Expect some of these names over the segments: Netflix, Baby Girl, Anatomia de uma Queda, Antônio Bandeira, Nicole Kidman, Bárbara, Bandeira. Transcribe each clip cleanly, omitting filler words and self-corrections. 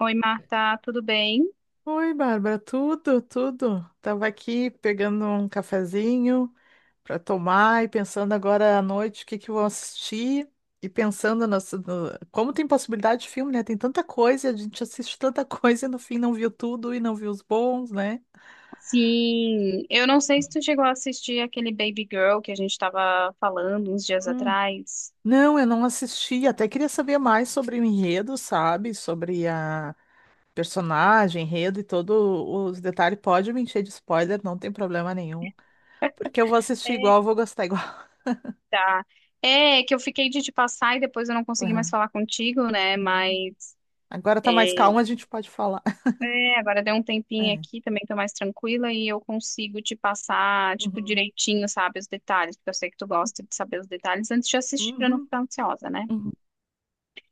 Oi, Marta, tudo bem? Oi, Bárbara, tudo, tudo. Tava aqui pegando um cafezinho para tomar e pensando agora à noite o que que eu vou assistir e pensando como tem possibilidade de filme, né? Tem tanta coisa, a gente assiste tanta coisa e no fim não viu tudo e não viu os bons, né? Sim, eu não sei se tu chegou a assistir aquele Baby Girl que a gente estava falando uns dias Hum. atrás. Não, eu não assisti, até queria saber mais sobre o enredo, sabe? Sobre a personagem, enredo e todos os detalhes. Pode me encher de spoiler, não tem problema nenhum, porque eu vou assistir igual, eu vou gostar igual. Tá. É, que eu fiquei de te passar e depois eu não consegui mais falar contigo, né? Não. Mas Agora é, tá mais calmo, a gente pode falar. agora deu um tempinho É. aqui, também tô mais tranquila e eu consigo te passar, tipo, Uhum. direitinho, sabe, os detalhes, porque eu sei que tu gosta de saber os detalhes antes de assistir pra não Uhum. ficar ansiosa, né? Uhum.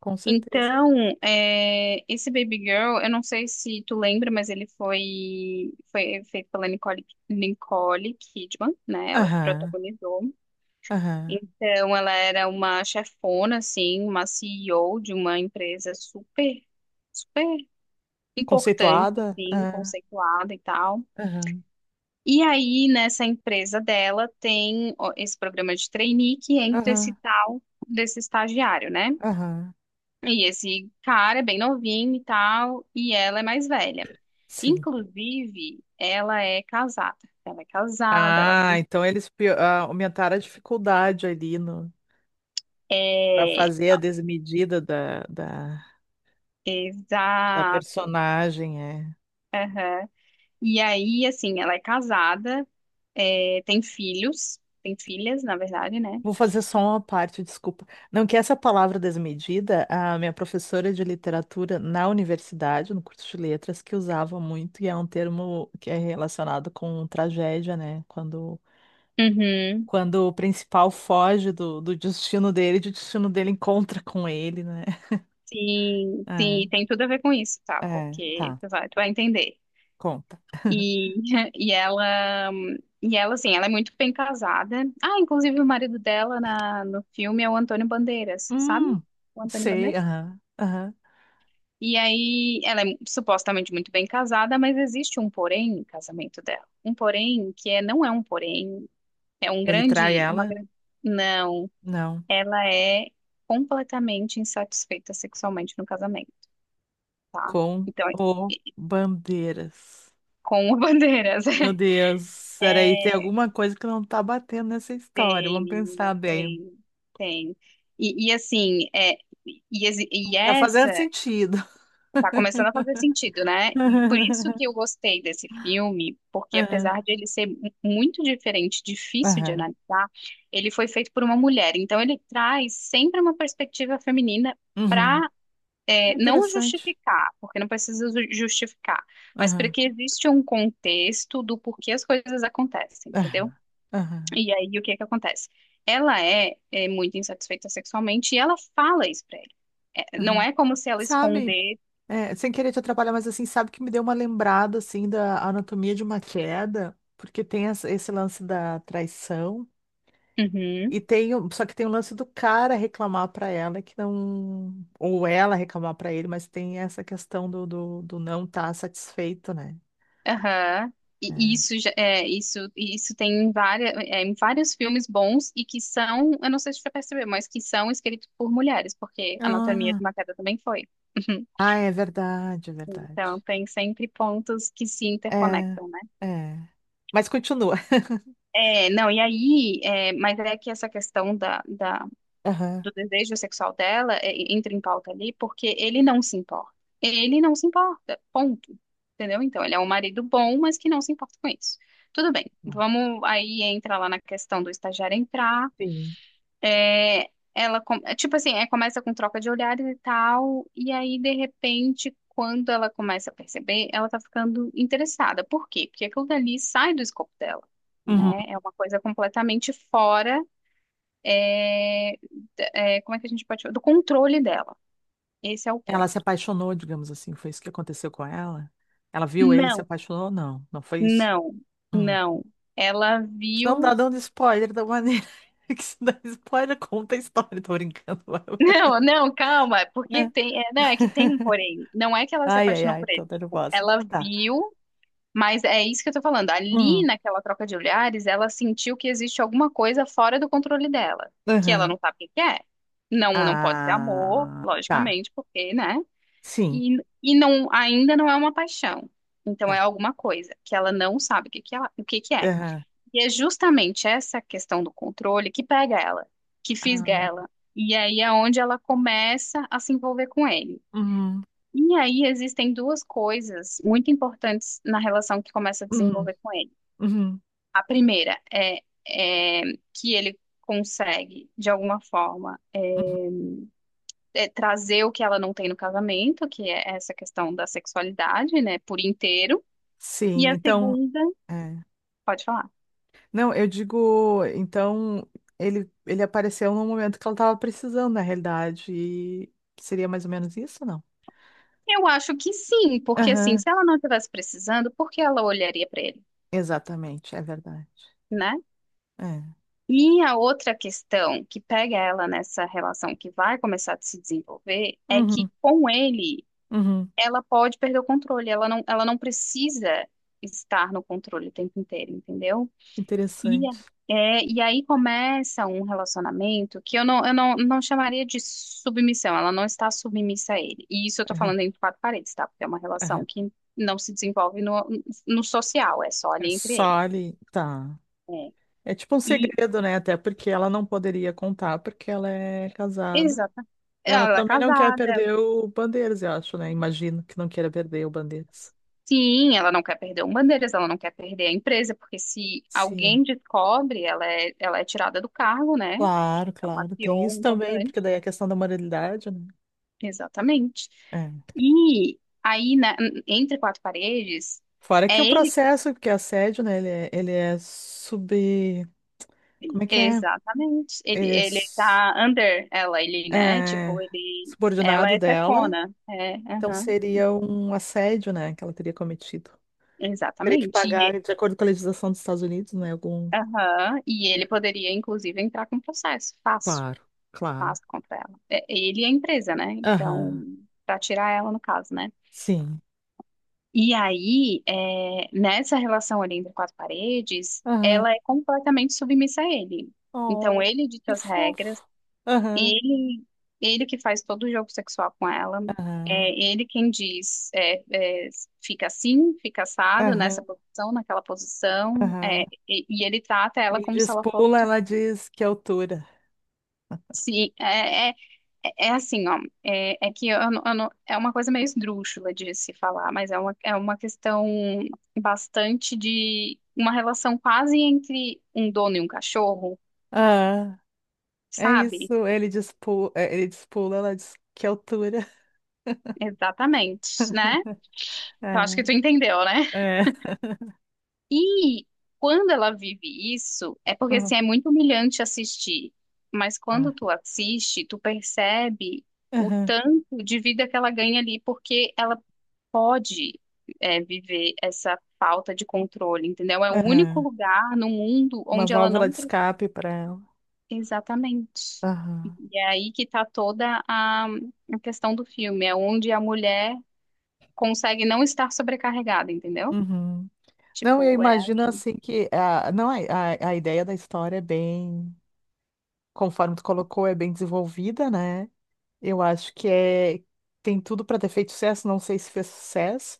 Com certeza. Então, esse Baby Girl, eu não sei se tu lembra, mas ele foi feito pela Nicole Kidman, né? Ela que Aham. protagonizou. Aham. Então, ela era uma chefona, assim, uma CEO de uma empresa super importante, Conceituada? assim, Aham. conceituada e tal. Aham. E aí, nessa empresa dela, tem ó, esse programa de trainee que entra esse Aham. tal desse estagiário, né? Aham. E esse cara é bem novinho e tal, e ela é mais velha. Sim. Inclusive, ela é casada. Ela é casada, ela Ah, tem. então eles aumentaram a dificuldade ali no para É, fazer a desmedida da exato. personagem, é. Aham. E aí, assim, ela é casada, tem filhos, tem filhas, na verdade, né? Vou fazer só uma parte, desculpa. Não, que essa palavra desmedida, a minha professora de literatura na universidade, no curso de letras, que usava muito, e é um termo que é relacionado com tragédia, né? Quando, Uhum. quando o principal foge do destino dele, e o destino dele encontra com ele, né? Sim, É, sim, tem tudo a ver com isso, tá? é, Porque tá, tu tu vai entender. conta. E, e e ela, assim, ela é muito bem casada. Ah, inclusive o marido dela no filme é o Antônio Bandeiras, sabe? Hum, O Antônio sei, Bandeiras. aham, aham. E aí, ela é supostamente muito bem casada, mas existe um porém no casamento dela. Um porém que é, não é um porém, é um Ele trai grande, uma ela? grande... Não, Não, ela é completamente insatisfeita sexualmente no casamento, tá? com Então, o bandeiras. com o Bandeiras. Meu Deus, peraí, tem alguma coisa que não tá batendo nessa história. Tem, Vamos menina, pensar bem. tem, tem. Assim, Tá essa fazendo sentido. tá começando a fazer sentido, né? E por isso que eu gostei desse filme, porque Aham, apesar de ele ser muito diferente, difícil de aham, analisar, ele foi feito por uma mulher. Então ele traz sempre uma perspectiva feminina uhum. para É não interessante. justificar, porque não precisa justificar, mas para Aham, que existe um contexto do porquê as coisas acontecem, aham, entendeu? aham, E aí, o que é que acontece? Ela é muito insatisfeita sexualmente e ela fala isso pra ele. É, aham. não é como se ela Sabe, esconder. é, sem querer te atrapalhar, mas assim, sabe que me deu uma lembrada assim da anatomia de uma queda, porque tem esse lance da traição. Uhum, E tem, só que tem o lance do cara reclamar pra ela que não, ou ela reclamar pra ele, mas tem essa questão do não estar satisfeito, né? aham. E É. Isso tem em, várias, é, em vários filmes bons e que são, eu não sei se você percebeu, mas que são escritos por mulheres, porque Anatomia de Ah, uma Queda também foi. ah, é verdade, é Então, verdade. tem sempre pontos que se É, interconectam, né? é. Mas continua. É, não, e mas é que essa questão da Aham. do desejo sexual dela entra em pauta ali porque ele não se importa. Ele não se importa, ponto. Entendeu? Então, ele é um marido bom, mas que não se importa com isso. Tudo bem, vamos aí entra lá na questão do estagiário entrar. Sim. É, tipo assim, é, começa com troca de olhares e tal, e aí, de repente, quando ela começa a perceber, ela tá ficando interessada. Por quê? Porque aquilo dali sai do escopo dela, Uhum. né? É uma coisa completamente fora é, como é que a gente pode falar? Do controle dela. Esse é o Ela ponto. se apaixonou, digamos assim, foi isso que aconteceu com ela? Ela viu ele, se Não, apaixonou? Não, não foi isso. não, Hum. não. Ela Isso não dá viu. dando spoiler da maneira que se dá spoiler, conta a história, tô brincando. Não, não, calma, porque tem. É, não, é que tem um porém. Não é que ela se Ai, ai, apaixonou ai, por tô ele. Tipo, nervosa. ela Tá. viu, mas é isso que eu tô falando. Ali Hum, naquela troca de olhares, ela sentiu que existe alguma coisa fora do controle dela, que ela aham. não sabe o que que é. Não, não pode ser amor, Ah, tá. logicamente, porque, né? Sim, E, não, ainda não é uma paixão. Então é tá. alguma coisa que ela não sabe o que que é. Aham. E é justamente essa questão do controle que pega ela, que fisga Ah, ela. E aí é onde ela começa a se envolver com ele. uhum, E aí existem duas coisas muito importantes na relação que começa a uhum, desenvolver com ele. uhum. A primeira é que ele consegue, de alguma forma, é, trazer o que ela não tem no casamento, que é essa questão da sexualidade, né, por inteiro. E Sim, a então. segunda, É. pode falar. Não, eu digo, então, ele apareceu no momento que ela estava precisando, na realidade. E seria mais ou menos isso, não? Eu acho que sim, porque assim, Aham, se ela não estivesse precisando, por que ela olharia para ele, exatamente, é verdade. né? É. E a outra questão que pega ela nessa relação que vai começar a se desenvolver é Uhum, que com ele uhum. ela pode perder o controle, ela não precisa estar no controle o tempo inteiro, entendeu? E, a- Interessante. E aí começa um relacionamento que eu não chamaria de submissão, ela não está submissa a ele. E isso eu tô Aham, falando entre quatro paredes, tá? Porque é uma relação aham. que não se desenvolve no social, é só É ali entre só eles. ali. Tá. É. É tipo um E, segredo, né? Até porque ela não poderia contar, porque ela é casada. exata. E ela Ela é também não quer casada. perder o Bandeiras, eu acho, né? Imagino que não queira perder o Bandeiras. Sim, ela não quer perder o Bandeiras, ela não quer perder a empresa, porque se Sim, alguém descobre, ela é tirada do cargo, né? Que claro, é uma claro. Tem CEO isso também, porque importante. daí a questão da moralidade, né? Exatamente. É. E entre quatro paredes, Fora que é o ele. processo, porque é assédio, né? Ele é sub. Como é que é? Exatamente. Ele é, Ele s- tá under ela, ele, né? Tipo, é ele. Ela subordinado é dela. chefona. É, Então aham. seria um assédio, né? Que ela teria cometido. Teria que Exatamente. E, pagar, de acordo com a legislação dos Estados Unidos, né? Algum. aham, e ele poderia, inclusive, entrar com processo. Fácil, Claro, claro. fácil contra ela. É, ele é a empresa, né? Então, Aham, pra tirar ela, no caso, né? sim. E aí, é, nessa relação ali entre quatro paredes, Aham. ela é completamente submissa a ele. Então, Oh, ele dita que as regras, fofo. Aham, ele, ele que faz todo o jogo sexual com ela, aham, é ele quem diz, fica assim, fica assado, nessa aham, posição, naquela posição, é, aham. E ele trata ela Ele como se diz ela pula, fosse ela diz que altura. Sim, é assim, ó, é, é que eu não- é uma coisa meio esdrúxula de se falar, mas é é uma questão bastante de uma relação quase entre um dono e um cachorro, Ah, é sabe? isso. Ele diz pula, ela diz que altura. Exatamente, né? Eu acho que tu entendeu, né? É, é. E quando ela vive isso, é porque Uhum. assim, é muito humilhante assistir, mas quando Ah, tu assiste, tu percebe o aham, tanto de vida que ela ganha ali, porque ela pode é, viver essa falta de controle, entendeu? É o único aham. lugar no mundo Uma onde ela válvula não. de pre- escape para ela. Exatamente. Aham, E é aí que tá toda a questão do filme, é onde a mulher consegue não estar sobrecarregada, entendeu? uhum. Não, eu Tipo, é imagino ali. assim que a, não, a ideia da história é bem conforme tu colocou, é bem desenvolvida, né? Eu acho que é tem tudo para ter feito sucesso, não sei se fez sucesso,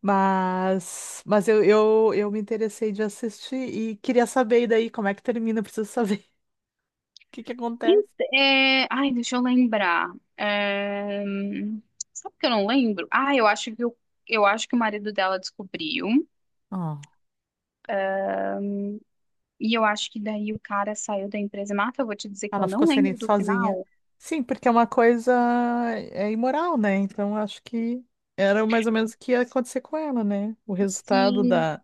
mas eu me interessei de assistir e queria saber e daí como é que termina, eu preciso saber o que que acontece. Ent- ai, deixa eu lembrar. É, sabe que eu não lembro? Ah, eu acho eu acho que o marido dela descobriu. Ah, E eu acho que daí o cara saiu da empresa. Marta, eu vou te dizer que ela eu ficou não sem ele lembro do sozinha. final. Sim, porque é uma coisa é imoral, né? Então acho que era mais ou menos o que ia acontecer com ela, né? O resultado Sim, da,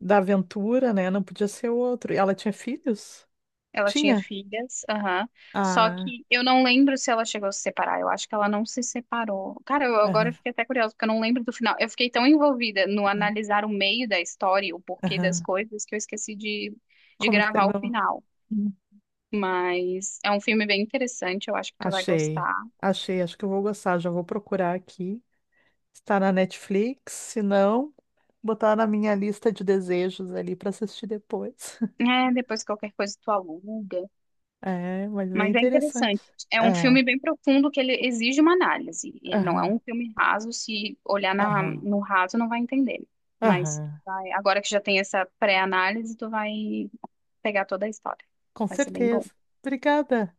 da aventura, né? Não podia ser outro. E ela tinha filhos? ela tinha Tinha. filhas, aham. Só Ah, que eu não lembro se ela chegou a se separar. Eu acho que ela não se separou. Cara, eu, agora eu aham, fiquei até curiosa, porque eu não lembro do final. Eu fiquei tão envolvida no aham. analisar o meio da história, e o porquê das Aham. coisas, que eu esqueci de Como que gravar o terminou? final. Hum. Mas é um filme bem interessante, eu acho que tu vai Achei. gostar. Achei, acho que eu vou gostar. Já vou procurar aqui. Está na Netflix, se não, botar na minha lista de desejos ali para assistir depois. É, depois qualquer coisa tu aluga. É, mas bem Mas é interessante. interessante. É um É, filme bem profundo que ele exige uma análise. Ele não é um aham, filme raso, se olhar na, aham, no raso não vai entender. Mas aham. Agora que já tem essa pré-análise, tu vai pegar toda a história. Com Vai ser bem bom. certeza. Obrigada.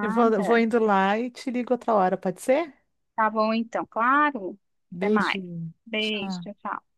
Eu vou indo lá e te ligo outra hora, pode ser? Tá bom então, claro. Até mais. Beijinho. Beijo, Tchau. tchau. Tchau.